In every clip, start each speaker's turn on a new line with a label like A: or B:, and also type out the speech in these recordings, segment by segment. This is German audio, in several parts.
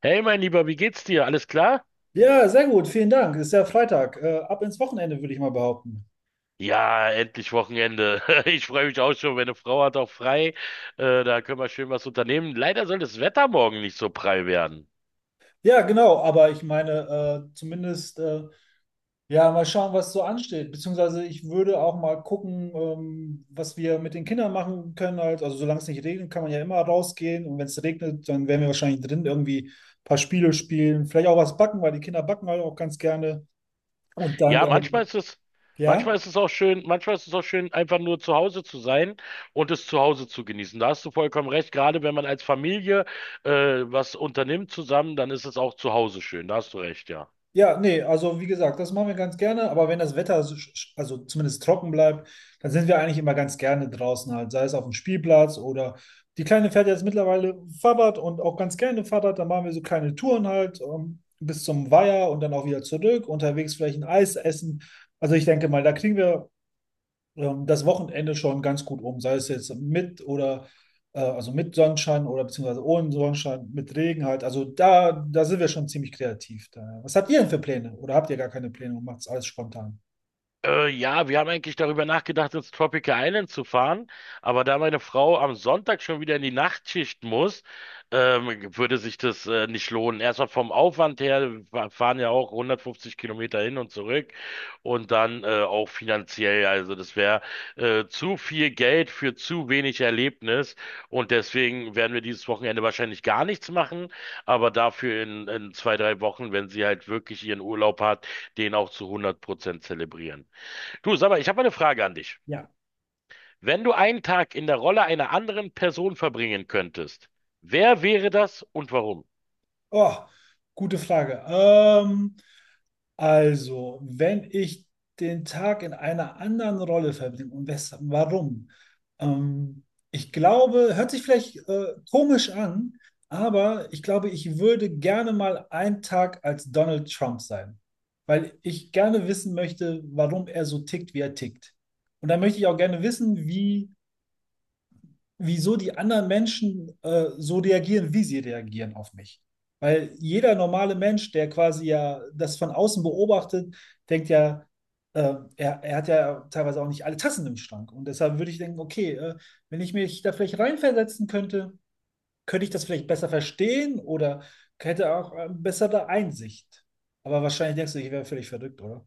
A: Hey, mein Lieber, wie geht's dir? Alles klar?
B: Ja, sehr gut, vielen Dank. Ist ja Freitag. Ab ins Wochenende, würde ich mal behaupten.
A: Ja, endlich Wochenende. Ich freue mich auch schon. Meine Frau hat auch frei. Da können wir schön was unternehmen. Leider soll das Wetter morgen nicht so prall werden.
B: Ja, genau, aber ich meine, äh, zumindest, äh, ja, mal schauen, was so ansteht. Beziehungsweise ich würde auch mal gucken, was wir mit den Kindern machen können. Halt. Also solange es nicht regnet, kann man ja immer rausgehen. Und wenn es regnet, dann werden wir wahrscheinlich drin irgendwie ein paar Spiele spielen. Vielleicht auch was backen, weil die Kinder backen halt auch ganz gerne. Und
A: Ja, manchmal ist es,
B: ja.
A: manchmal ist es auch schön, einfach nur zu Hause zu sein und es zu Hause zu genießen. Da hast du vollkommen recht. Gerade wenn man als Familie was unternimmt zusammen, dann ist es auch zu Hause schön. Da hast du recht, ja.
B: Ja, nee, also wie gesagt, das machen wir ganz gerne, aber wenn das Wetter, so also zumindest trocken bleibt, dann sind wir eigentlich immer ganz gerne draußen halt, sei es auf dem Spielplatz oder die Kleine fährt jetzt mittlerweile Fahrrad und auch ganz gerne Fahrrad, dann machen wir so kleine Touren halt bis zum Weiher und dann auch wieder zurück, unterwegs vielleicht ein Eis essen. Also ich denke mal, da kriegen wir das Wochenende schon ganz gut um, sei es jetzt mit oder also mit Sonnenschein oder beziehungsweise ohne Sonnenschein, mit Regen halt. Also da sind wir schon ziemlich kreativ. Da. Was habt ihr denn für Pläne? Oder habt ihr gar keine Pläne und macht es alles spontan?
A: Ja, wir haben eigentlich darüber nachgedacht, ins Tropical Island zu fahren, aber da meine Frau am Sonntag schon wieder in die Nachtschicht muss, würde sich das nicht lohnen. Erstmal vom Aufwand her, wir fahren ja auch 150 Kilometer hin und zurück und dann auch finanziell. Also das wäre zu viel Geld für zu wenig Erlebnis und deswegen werden wir dieses Wochenende wahrscheinlich gar nichts machen, aber dafür in zwei, drei Wochen, wenn sie halt wirklich ihren Urlaub hat, den auch zu 100% zelebrieren. Du, sag mal, ich habe eine Frage an dich. Wenn du einen Tag in der Rolle einer anderen Person verbringen könntest, wer wäre das und warum?
B: Oh, gute Frage. Also, wenn ich den Tag in einer anderen Rolle verbringe und weshalb, warum? Ähm, Ich glaube, hört sich vielleicht komisch an, aber ich glaube, ich würde gerne mal einen Tag als Donald Trump sein, weil ich gerne wissen möchte, warum er so tickt, wie er tickt. Und dann möchte ich auch gerne wissen, wie wieso die anderen Menschen so reagieren, wie sie reagieren auf mich. Weil jeder normale Mensch, der quasi ja das von außen beobachtet, denkt ja, er hat ja teilweise auch nicht alle Tassen im Schrank. Und deshalb würde ich denken, okay, wenn ich mich da vielleicht reinversetzen könnte, könnte ich das vielleicht besser verstehen oder hätte auch bessere Einsicht. Aber wahrscheinlich denkst du, ich wäre völlig verrückt, oder?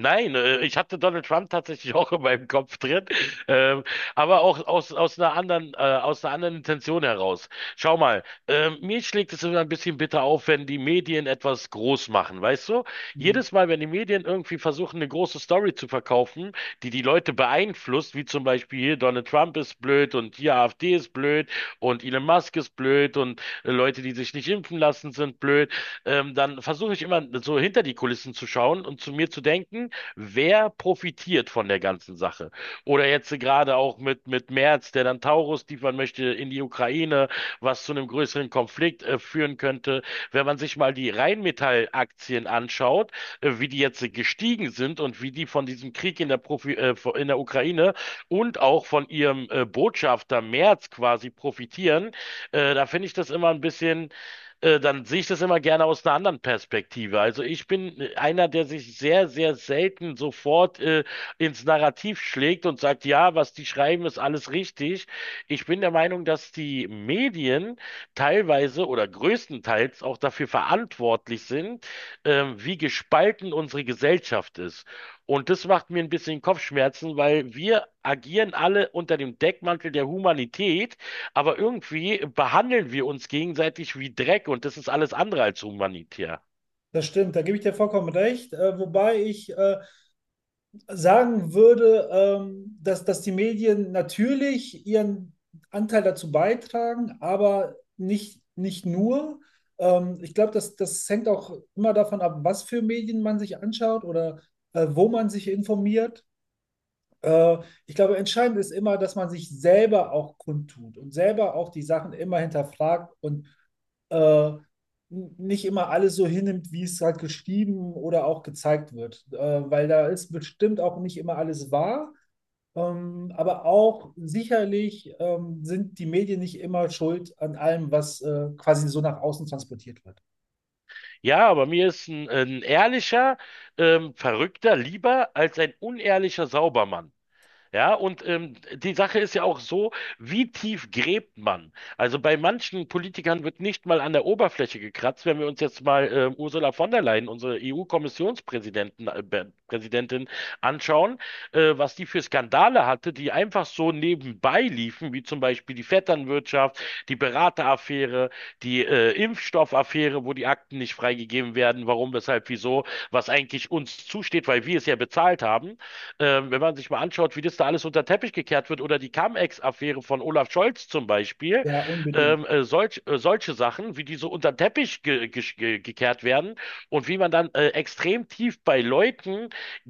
A: Nein, ich hatte Donald Trump tatsächlich auch in meinem Kopf drin, ähm, aber auch aus einer aus einer anderen Intention heraus. Schau mal, mir schlägt es immer ein bisschen bitter auf, wenn die Medien etwas groß machen, weißt du?
B: Mhm.
A: Jedes Mal, wenn die Medien irgendwie versuchen, eine große Story zu verkaufen, die die Leute beeinflusst, wie zum Beispiel hier Donald Trump ist blöd und hier AfD ist blöd und Elon Musk ist blöd und Leute, die sich nicht impfen lassen, sind blöd. Dann versuche ich immer so hinter die Kulissen zu schauen und zu mir zu denken: Wer profitiert von der ganzen Sache? Oder jetzt gerade auch mit Merz, der dann Taurus liefern möchte in die Ukraine, was zu einem größeren Konflikt führen könnte. Wenn man sich mal die Rheinmetall-Aktien anschaut, wie die jetzt gestiegen sind und wie die von diesem Krieg in der, Profi in der Ukraine und auch von ihrem Botschafter Merz quasi profitieren, da finde ich das immer ein bisschen dann sehe ich das immer gerne aus einer anderen Perspektive. Also ich bin einer, der sich sehr, sehr selten sofort ins Narrativ schlägt und sagt, ja, was die schreiben, ist alles richtig. Ich bin der Meinung, dass die Medien teilweise oder größtenteils auch dafür verantwortlich sind, wie gespalten unsere Gesellschaft ist. Und das macht mir ein bisschen Kopfschmerzen, weil wir agieren alle unter dem Deckmantel der Humanität, aber irgendwie behandeln wir uns gegenseitig wie Dreck und das ist alles andere als humanitär.
B: Das stimmt, da gebe ich dir vollkommen recht. Wobei ich sagen würde, dass die Medien natürlich ihren Anteil dazu beitragen, aber nicht nur. Ich glaube, das hängt auch immer davon ab, was für Medien man sich anschaut oder wo man sich informiert. Äh, Ich glaube, entscheidend ist immer, dass man sich selber auch kundtut und selber auch die Sachen immer hinterfragt und äh, n- nicht immer alles so hinnimmt, wie es halt geschrieben oder auch gezeigt wird. Weil da ist bestimmt auch nicht immer alles wahr. Aber auch sicherlich sind die Medien nicht immer schuld an allem, was quasi so nach außen transportiert wird.
A: Ja, aber mir ist ein ehrlicher, Verrückter lieber als ein unehrlicher Saubermann. Ja, und die Sache ist ja auch so, wie tief gräbt man? Also bei manchen Politikern wird nicht mal an der Oberfläche gekratzt. Wenn wir uns jetzt mal Ursula von der Leyen, unsere EU-Kommissionspräsidentin Präsidentin, anschauen, was die für Skandale hatte, die einfach so nebenbei liefen, wie zum Beispiel die Vetternwirtschaft, die Berateraffäre, die Impfstoffaffäre, wo die Akten nicht freigegeben werden, warum, weshalb, wieso, was eigentlich uns zusteht, weil wir es ja bezahlt haben. Wenn man sich mal anschaut, wie das da alles unter den Teppich gekehrt wird oder die Cum-Ex-Affäre von Olaf Scholz zum Beispiel,
B: Ja, unbedingt.
A: solche Sachen, wie die so unter den Teppich ge ge ge gekehrt werden und wie man dann extrem tief bei Leuten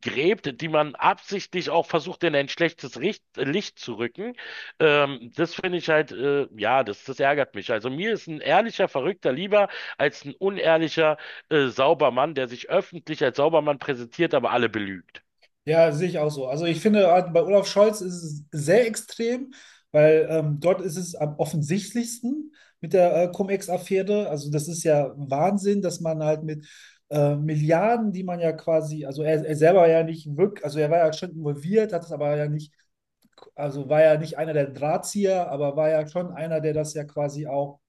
A: gräbt, die man absichtlich auch versucht, in ein schlechtes Richt Licht zu rücken. Das finde ich halt, das ärgert mich. Also mir ist ein ehrlicher Verrückter lieber als ein unehrlicher Saubermann, der sich öffentlich als Saubermann präsentiert, aber alle belügt.
B: Ja, sehe ich auch so. Also ich finde, bei Olaf Scholz ist es sehr extrem, weil dort ist es am offensichtlichsten mit der Cum-Ex-Affäre. Also das ist ja Wahnsinn, dass man halt mit Milliarden, die man ja quasi, also er selber ja nicht wirklich, also er war ja schon involviert, hat es aber ja nicht, also war ja nicht einer der Drahtzieher, aber war ja schon einer, der das ja quasi auch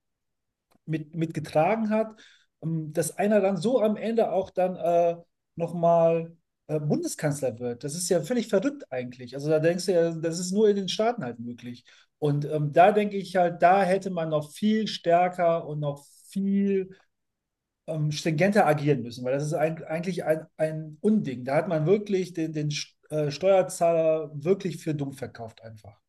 B: mitgetragen hat, dass einer dann so am Ende auch dann nochmal Bundeskanzler wird. Das ist ja völlig verrückt eigentlich. Also da denkst du ja, das ist nur in den Staaten halt möglich. Und da denke ich halt, da hätte man noch viel stärker und noch viel stringenter agieren müssen, weil das ist ein, eigentlich ein Unding. Da hat man wirklich den Steuerzahler wirklich für dumm verkauft einfach.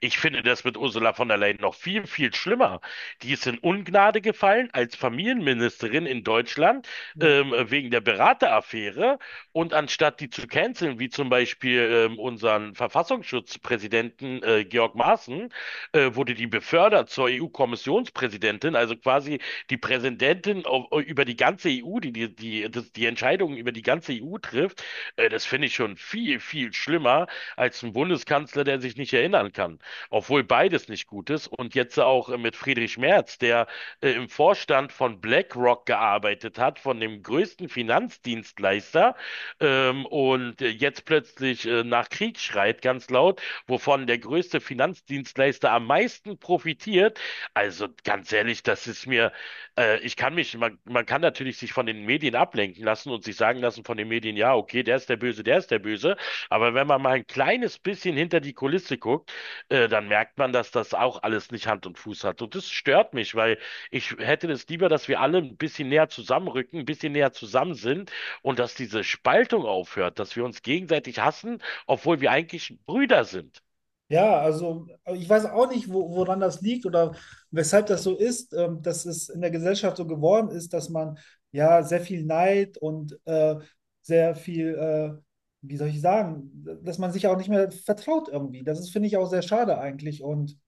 A: Ich finde das mit Ursula von der Leyen noch viel, viel schlimmer. Die ist in Ungnade gefallen als Familienministerin in Deutschland
B: Ja.
A: wegen der Berateraffäre. Und anstatt die zu canceln, wie zum Beispiel unseren Verfassungsschutzpräsidenten Georg Maaßen, wurde die befördert zur EU-Kommissionspräsidentin, also quasi die Präsidentin über die ganze EU, die die Entscheidungen über die ganze EU trifft. Das finde ich schon viel, viel schlimmer als ein Bundeskanzler, der sich nicht erinnern kann, obwohl beides nicht gut ist. Und jetzt auch mit Friedrich Merz, der im Vorstand von BlackRock gearbeitet hat, von dem größten Finanzdienstleister, und jetzt plötzlich nach Krieg schreit ganz laut, wovon der größte Finanzdienstleister am meisten profitiert. Also ganz ehrlich, das ist mir, ich kann man kann natürlich sich von den Medien ablenken lassen und sich sagen lassen von den Medien, ja, okay, der ist der Böse, der ist der Böse. Aber wenn man mal ein kleines bisschen hinter die Kulisse guckt, dann merkt man, dass das auch alles nicht Hand und Fuß hat. Und das stört mich, weil ich hätte es lieber, dass wir alle ein bisschen näher zusammenrücken, ein bisschen näher zusammen sind und dass diese Spaltung aufhört, dass wir uns gegenseitig hassen, obwohl wir eigentlich Brüder sind.
B: Ja, also ich weiß auch nicht, wo, woran das liegt oder weshalb das so ist, dass es in der Gesellschaft so geworden ist, dass man ja sehr viel Neid und sehr viel, wie soll ich sagen, dass man sich auch nicht mehr vertraut irgendwie. Das ist, finde ich, auch sehr schade eigentlich. Und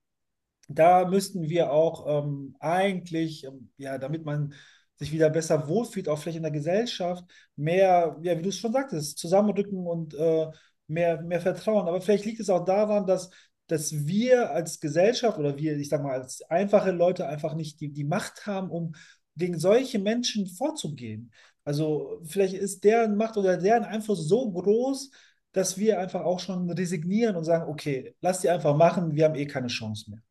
B: da müssten wir auch eigentlich ja, damit man sich wieder besser wohlfühlt, auch vielleicht in der Gesellschaft, mehr, ja, wie du es schon sagtest, zusammenrücken und mehr, mehr Vertrauen. Aber vielleicht liegt es auch daran, dass, dass wir als Gesellschaft oder wir, ich sag mal, als einfache Leute einfach nicht die Macht haben, um gegen solche Menschen vorzugehen. Also vielleicht ist deren Macht oder deren Einfluss so groß, dass wir einfach auch schon resignieren und sagen, okay, lass die einfach machen, wir haben eh keine Chance mehr.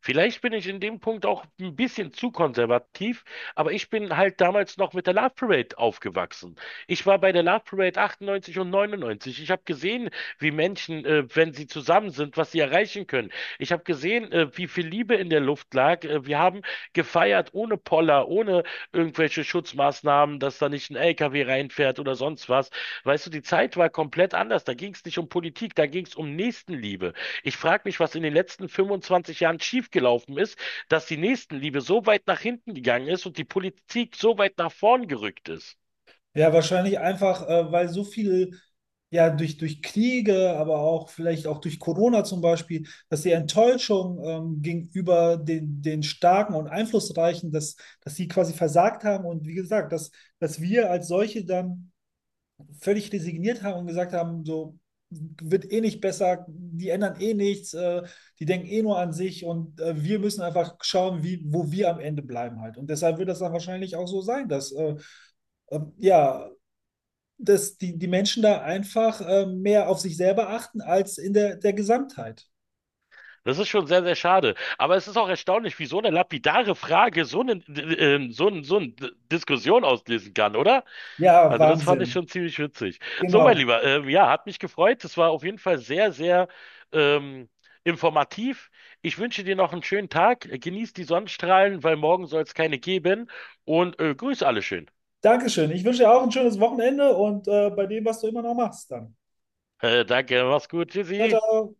A: Vielleicht bin ich in dem Punkt auch ein bisschen zu konservativ, aber ich bin halt damals noch mit der Love Parade aufgewachsen. Ich war bei der Love Parade 98 und 99. Ich habe gesehen, wie Menschen, wenn sie zusammen sind, was sie erreichen können. Ich habe gesehen, wie viel Liebe in der Luft lag. Wir haben gefeiert ohne Poller, ohne irgendwelche Schutzmaßnahmen, dass da nicht ein LKW reinfährt oder sonst was. Weißt du, die Zeit war komplett anders. Da ging es nicht um Politik, da ging es um Nächstenliebe. Ich frage mich, was in den letzten 25 Jahren schiefgelaufen ist, dass die Nächstenliebe so weit nach hinten gegangen ist und die Politik so weit nach vorn gerückt ist.
B: Ja, wahrscheinlich einfach, weil so viel, ja, durch Kriege, aber auch vielleicht auch durch Corona zum Beispiel, dass die Enttäuschung gegenüber den Starken und Einflussreichen, dass, dass sie quasi versagt haben und wie gesagt, dass, dass wir als solche dann völlig resigniert haben und gesagt haben, so wird eh nicht besser, die ändern eh nichts, die denken eh nur an sich und wir müssen einfach schauen, wie, wo wir am Ende bleiben halt. Und deshalb wird das dann wahrscheinlich auch so sein, dass ja, dass die Menschen da einfach mehr auf sich selber achten als in der Gesamtheit.
A: Das ist schon sehr, sehr schade. Aber es ist auch erstaunlich, wie so eine lapidare Frage so eine Diskussion auslösen kann, oder?
B: Ja,
A: Also das fand ich
B: Wahnsinn.
A: schon ziemlich witzig. So, mein
B: Genau.
A: Lieber, ja, hat mich gefreut. Es war auf jeden Fall sehr, sehr ähm, informativ. Ich wünsche dir noch einen schönen Tag. Genieß die Sonnenstrahlen, weil morgen soll es keine geben. Und grüß alle schön.
B: Dankeschön. Ich wünsche dir auch ein schönes Wochenende und bei dem, was du immer noch machst, dann.
A: Danke, mach's gut.
B: Ciao,
A: Tschüssi.
B: ciao.